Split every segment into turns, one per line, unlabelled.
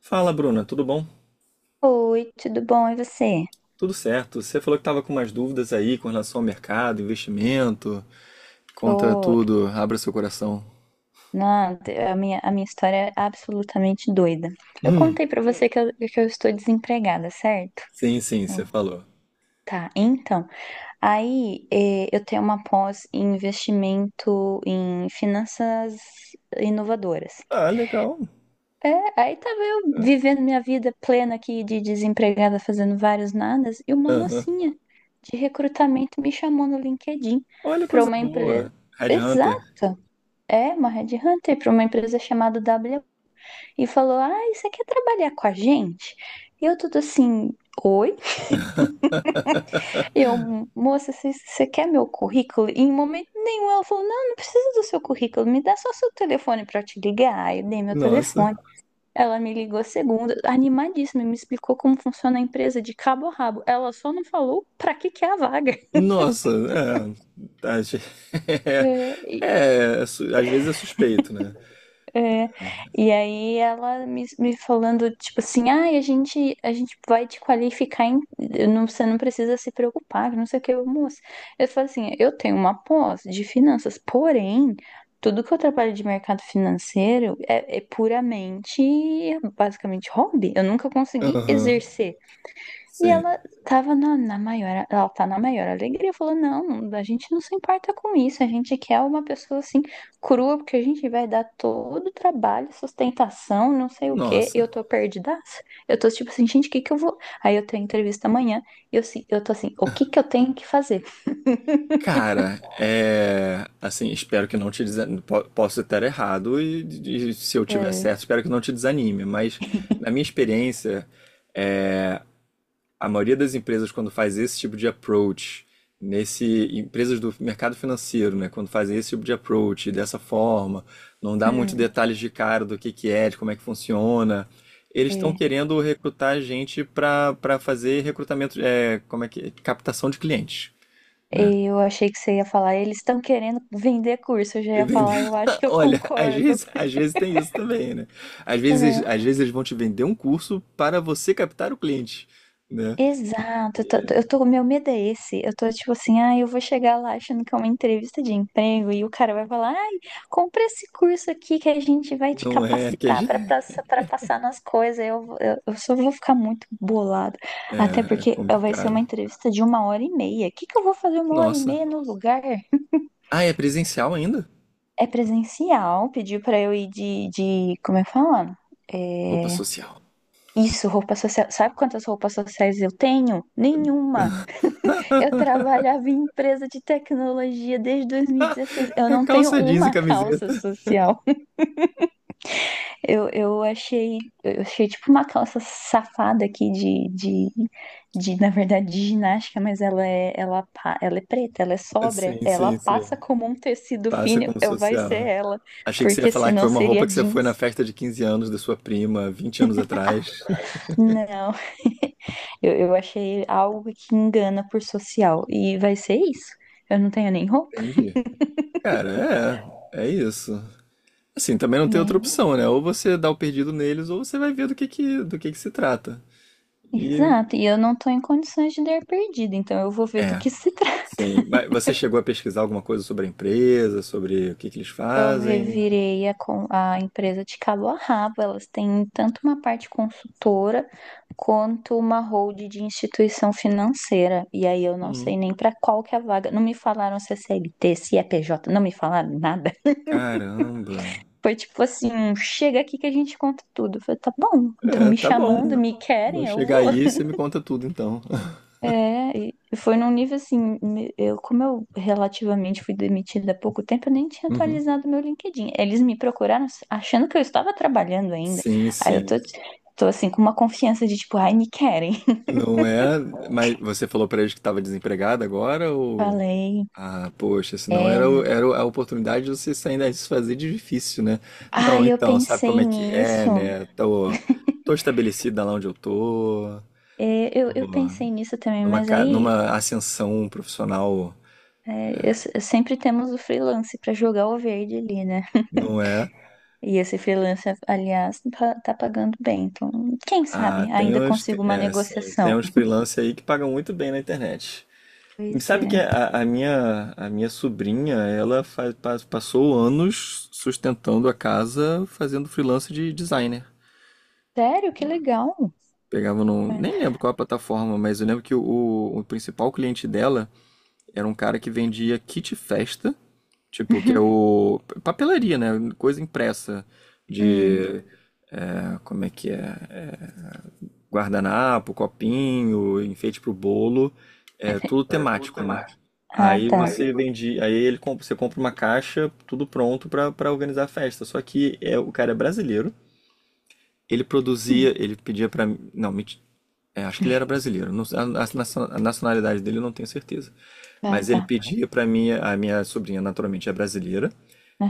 Fala, Bruna, tudo bom?
Oi, tudo bom? E você?
Tudo certo. Você falou que estava com umas dúvidas aí com relação ao mercado, investimento. Conta
Tô,
tudo, abra seu coração.
nada. A minha história é absolutamente doida. Eu
Hum,
contei pra você que eu estou desempregada, certo?
sim, você
Eu-
falou.
tá, então, aí eu tenho uma pós em investimento em finanças inovadoras.
Ah, legal.
É, aí tava eu
É.
vivendo minha vida plena aqui de desempregada, fazendo vários nadas, e uma
Aham.
mocinha de recrutamento me chamou no LinkedIn
Olha,
pra
coisa
uma empresa.
boa. Headhunter.
Exato. É, uma headhunter para uma empresa chamada W e falou: Ah, você quer trabalhar com a gente? E eu tudo assim, oi? Eu, moça, você quer meu currículo? E em momento nenhum ela falou: Não, não precisa do seu currículo, me dá só seu telefone para eu te ligar. Aí eu dei meu
Nossa.
telefone. Ela me ligou segunda, animadíssima, e me explicou como funciona a empresa de cabo a rabo. Ela só não falou para que que é a vaga.
Nossa, é. Tá, gente.
É, e
Às vezes é suspeito, né?
É, e aí ela me falando, tipo assim, ah, a gente vai te qualificar, não, você não precisa se preocupar, que não sei o que, moça. Eu falo assim, eu tenho uma pós de finanças, porém, tudo que eu trabalho de mercado financeiro é puramente, basicamente, hobby. Eu nunca consegui
Aham.
exercer. E
Sim.
ela tá na maior alegria, falou, não, a gente não se importa com isso, a gente quer uma pessoa assim, crua, porque a gente vai dar todo o trabalho, sustentação, não sei o quê, e
Nossa.
eu tô perdidaça. Eu tô tipo assim, gente, o que que eu vou. Aí eu tenho entrevista amanhã, e eu, se- eu tô assim, o que que eu tenho que fazer?
Cara, é. Assim, espero que não te desanime. Posso estar errado e se eu tiver
É,
certo, espero que não te desanime. Mas, na minha experiência, a maioria das empresas, quando faz esse tipo de approach, nesse. Empresas do mercado financeiro, né? Quando fazem esse tipo de approach dessa forma, não dá muito
hum,
detalhes de cara do que é, de como é que funciona. Eles estão
é,
querendo recrutar gente para fazer recrutamento, é, como é que, é, captação de clientes, né?
eu achei que você ia falar, eles estão querendo vender curso, eu já ia
Entendeu?
falar, eu acho que eu
Olha, às
concordo.
vezes, às vezes tem isso também, né? Às vezes,
É.
às vezes eles vão te vender um curso para você captar o cliente, né?
Exato, meu medo é esse. Eu tô tipo assim, ah, eu vou chegar lá achando que é uma entrevista de emprego e o cara vai falar, ai, compra esse curso aqui que a gente vai te
Não é que a
capacitar pra
gente...
passa- pra passar nas coisas. Eu só vou ficar muito bolado. Até
é
porque vai ser uma
complicado.
entrevista de uma hora e meia. O que que eu vou fazer uma hora e
Nossa.
meia no lugar?
Ah, é presencial ainda?
É presencial, pediu pra eu ir como é que fala?
Roupa
É,
social.
isso, roupa social. Sabe quantas roupas sociais eu tenho? Nenhuma. Eu trabalhava em empresa de tecnologia desde 2016. Eu
É
não tenho
calça jeans e
uma calça
camiseta.
social. Eu, eu achei, eu achei tipo uma calça safada aqui na verdade, de ginástica, mas ela é preta, ela é sóbria,
Sim,
ela
sim, sim.
passa como um tecido
Passa
fino.
como
Eu vai ser
social.
ela,
Achei que você ia
porque
falar que
senão
foi uma roupa
seria
que você foi na
jeans.
festa de 15 anos da sua prima, 20 anos atrás.
Não, eu achei algo que engana por social e vai ser isso. Eu não tenho nem roupa.
Entendi. Cara, é, é isso. Assim, também não tem outra
Né?
opção, né? Ou você dá o perdido neles, ou você vai ver do que que se trata. E
Exato, e eu não tô em condições de dar perdida, então eu vou ver do
é,
que se trata.
sim. Mas você chegou a pesquisar alguma coisa sobre a empresa, sobre o que que eles
Eu
fazem?
revirei a empresa de cabo a rabo, elas têm tanto uma parte consultora quanto uma hold de instituição financeira. E aí eu não
Hum,
sei nem pra qual que é a vaga. Não me falaram se é CLT, se é PJ, não me falaram nada.
caramba.
Foi tipo assim, chega aqui que a gente conta tudo. Eu falei, tá bom, então
É,
me
tá
chamando,
bom.
me
Vou
querem, eu
chegar aí
vou.
e você me conta tudo então.
É, e foi num nível assim, como eu relativamente fui demitida há pouco tempo, eu nem tinha
Uhum.
atualizado meu LinkedIn. Eles me procuraram achando que eu estava trabalhando ainda.
Sim,
Aí eu
sim.
tô assim, com uma confiança de tipo, ai, me querem.
Não é? Mas você falou pra eles que estava desempregado agora ou.
Falei,
Ah, poxa, senão
é,
era, o-
né?"
era a oportunidade de você sair daí e se fazer de difícil, né? Não,
ai, eu
então, sabe como
pensei
é que é,
nisso.
né? Tô estabelecida lá onde eu tô,
É,
tô
eu pensei nisso também,
numa,
mas
ca-
aí
numa ascensão profissional,
é, eu se- sempre temos o freelance para jogar o verde ali, né?
não é?
E esse freelance, aliás, tá pagando bem. Então, quem
Ah,
sabe ainda consigo uma
é, assim, tem
negociação.
uns freelancers aí que pagam muito bem na internet.
Pois
Sabe
é.
que a minha sobrinha, ela faz, pa- passou anos sustentando a casa fazendo freelance de designer.
Sério? Que legal.
Pegava
É.
nem lembro qual a plataforma, mas eu lembro que o principal cliente dela era um cara que vendia kit festa, tipo, que é
Uhum.
o papelaria, né? Coisa impressa
Hum.
de, ah, como é que é? É, guardanapo, copinho, enfeite pro bolo, é tudo temático, né?
Ah,
Aí
tá.
você vende, aí ele comp- você compra uma caixa, tudo pronto pra para organizar a festa. Só que é, o cara é brasileiro, ele produzia,
Hum.
ele pedia pra mim, não, menti- é, acho que ele era brasileiro, não, a nacio- a nacionalidade dele eu não tenho certeza.
Ah,
Mas ele
tá.
pedia pra minha, a minha sobrinha naturalmente é brasileira,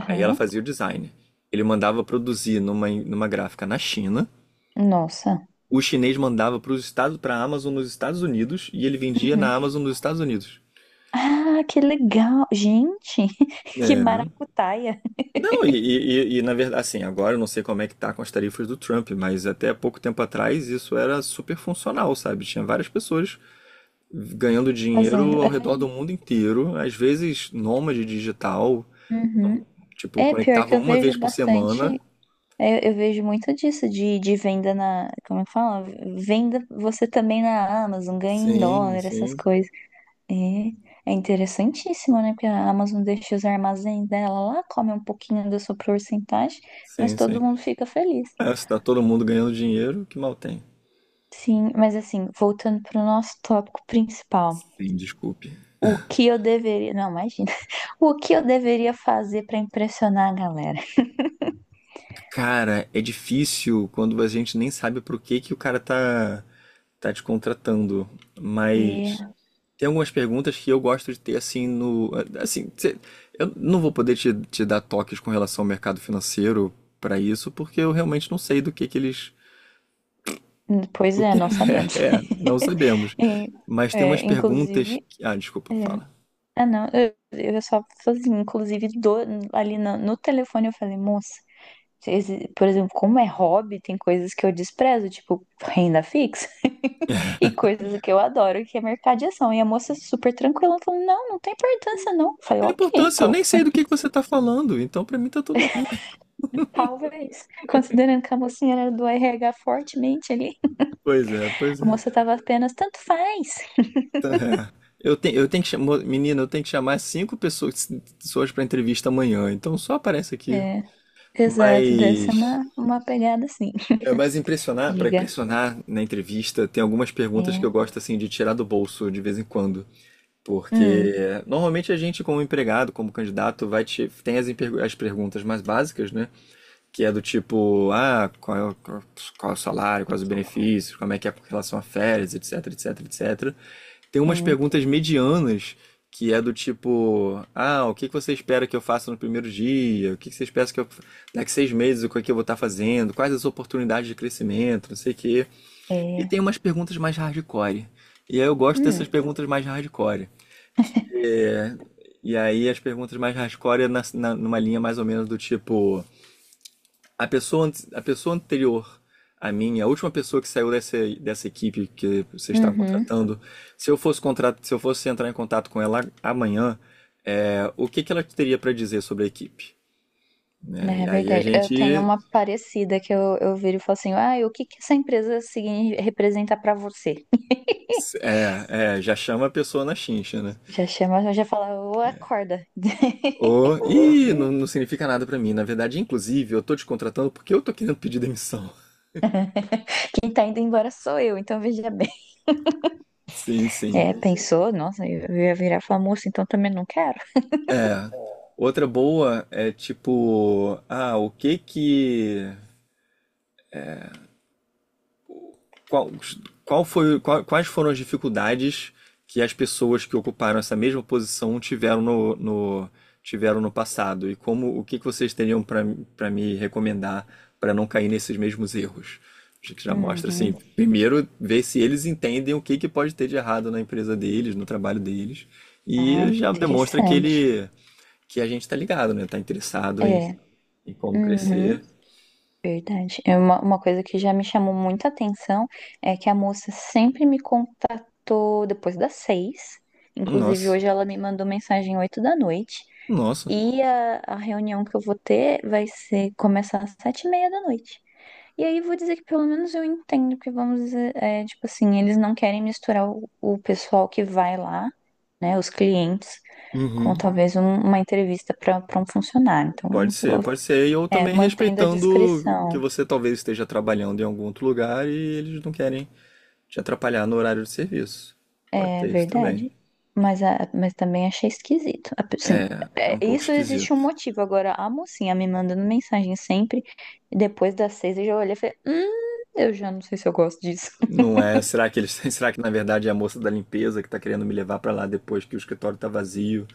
aí ela fazia o design. Ele mandava produzir numa, numa gráfica na China,
Nossa.
o chinês mandava para a Amazon nos Estados Unidos e ele vendia
Uhum.
na Amazon nos Estados Unidos.
Ah, que legal. Gente, que
É.
maracutaia
Não, na verdade, assim, agora eu não sei como é que tá com as tarifas do Trump, mas até pouco tempo atrás isso era super funcional, sabe? Tinha várias pessoas ganhando
fazendo.
dinheiro ao
É,
redor do mundo inteiro, às vezes nômade digital,
Uhum.
tipo,
É, pior que
conectava
eu
uma
vejo
vez por
bastante.
semana.
É, eu, vejo muito disso de venda na. Como é que fala? Venda você também na Amazon, ganha em
Sim,
dólar, essas
sim,
coisas. É, é interessantíssimo, né? Porque a Amazon deixa os armazéns dela lá, come um pouquinho da sua porcentagem, mas
sim,
todo
sim.
mundo fica feliz.
É, se tá todo mundo ganhando dinheiro, que mal tem?
Sim, mas assim, voltando para o nosso tópico principal,
Sim, desculpe.
o que eu deveria. Não, imagina. O que eu deveria fazer para impressionar a galera?
Cara, é difícil quando a gente nem sabe pro que o cara tá te contratando. Mas
É,
tem algumas perguntas que eu gosto de ter assim no. Assim, cê- eu não vou poder te dar toques com relação ao mercado financeiro pra isso, porque eu realmente não sei do que eles.
pois
O
é,
que
nós sabemos.
é, não sabemos.
E,
Mas tem umas perguntas
inclusive.
que. Ah, desculpa,
é,
fala.
Ah, não, eu só falei assim, inclusive ali no telefone eu falei, moça. Por exemplo, como é hobby, tem coisas que eu desprezo, tipo renda fixa, e coisas que eu adoro, que é mercado de ação. E a moça super tranquila, falou: não, não tem importância, não. Eu
Não
falei,
tem
ok,
importância, eu
então,
nem sei do que você tá falando, então pra mim tá tudo bem.
talvez. Considerando que a mocinha era do RH fortemente ali,
Pois é, pois
a
é.
moça tava apenas, tanto faz.
É. Eu tenho que chamar, menina, eu tenho que chamar cinco pessoas, pessoas para entrevista amanhã, então só aparece aqui.
É, exato, dessa é
Mas,
uma pegada assim.
é, mas impressionar, para
Diga.
impressionar na entrevista, tem algumas perguntas que
É.
eu gosto assim de tirar do bolso de vez em quando, porque
Hum,
é, normalmente a gente como empregado, como candidato, tem as perguntas mais básicas, né? Que é do tipo, ah, qual é o salário, quais os benefícios, como é que é com relação a férias, etc, etc, etc. Tem umas
sim.
perguntas medianas que é do tipo, ah, o que que você espera que eu faça no primeiro dia? O que que você espera que eu daqui 6 meses o que é que eu vou estar fazendo? Quais as oportunidades de crescimento? Não sei o quê. E
É.
tem umas perguntas mais hardcore. E aí eu gosto dessas
Hum.
perguntas mais hardcore. É, e aí as perguntas mais hardcore é numa linha mais ou menos do tipo, a pessoa anterior a mim, a última pessoa que saiu dessa equipe que vocês estavam
Uhum.
contratando, se eu fosse entrar em contato com ela amanhã, é, o que que ela teria para dizer sobre a equipe, né?
É
E aí a
verdade. Eu tenho
gente
uma parecida que eu viro e falo assim, ah, e o que que essa empresa representa pra você?
é, já chama a pessoa na chincha, né?
Já chama, já fala, ô, acorda.
Ou, ih, não, não significa nada pra mim. Na verdade, inclusive, eu tô te contratando porque eu tô querendo pedir demissão.
Quem tá indo embora sou eu, então veja bem.
Sim, sim.
É, pensou, nossa, eu ia virar e falar, moça, então também não quero.
É. Outra boa é tipo, ah, o que que Qual, qual foi, qual- quais foram as dificuldades que as pessoas que ocuparam essa mesma posição tiveram tiveram no passado? E como, o que que vocês teriam para me recomendar para não cair nesses mesmos erros? Acho que já mostra
Uhum.
assim, primeiro ver se eles entendem o que que pode ter de errado na empresa deles, no trabalho deles,
Ah,
e já demonstra que
interessante.
ele, que a gente está ligado, né? Tá interessado em,
É.
em como
Uhum.
crescer.
Verdade. É. Uma coisa que já me chamou muita atenção é que a moça sempre me contatou depois das 6. Inclusive,
Nossa,
hoje ela me mandou mensagem 8 da noite.
nossa.
E a reunião que eu vou ter vai ser começar às 7:30 da noite. E aí vou dizer que pelo menos eu entendo que vamos dizer, é, tipo assim, eles não querem misturar o pessoal que vai lá, né, os clientes, com
Uhum.
talvez uma entrevista para um funcionário. Então,
Pode ser, pode ser. E ou também
mantendo a
respeitando que
discrição.
você talvez esteja trabalhando em algum outro lugar e eles não querem te atrapalhar no horário de serviço. Pode
É
ter isso também.
verdade. Mas também achei esquisito. Assim,
É
é,
um pouco
isso existe um
esquisito.
motivo. Agora, a mocinha me mandando mensagem sempre, e depois das 6 eu já olhei e falei, eu já não sei se eu gosto disso.
Não é, será que eles, será que na verdade é a moça da limpeza que tá querendo me levar pra lá depois que o escritório tá vazio,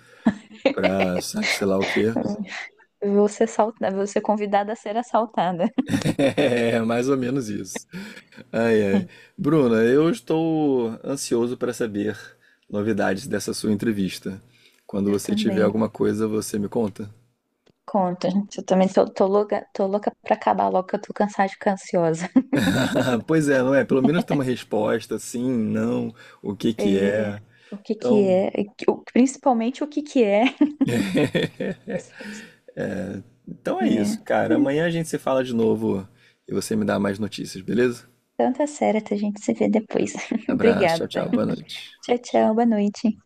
pra sabe sei lá o quê?
Eu vou ser assaltada, vou ser convidada a ser assaltada.
É, mais ou menos isso. Ai, ai. Bruna, eu estou ansioso para saber novidades dessa sua entrevista. Quando
Eu
você tiver
também.
alguma coisa, você me conta?
Conta, gente. Eu também tô louca, tô louca pra acabar logo, que eu tô cansada de ficar ansiosa.
Pois é, não é? Pelo menos tem uma resposta, sim, não, o que que
É,
é.
o que que
Então,
é, principalmente o que que é.
então é
É,
isso, cara. Amanhã a gente se fala de novo e você me dá mais notícias, beleza?
tanta séria, a gente se vê depois.
Abraço, tchau,
Obrigada.
tchau, boa noite.
Tchau, tchau. Boa noite.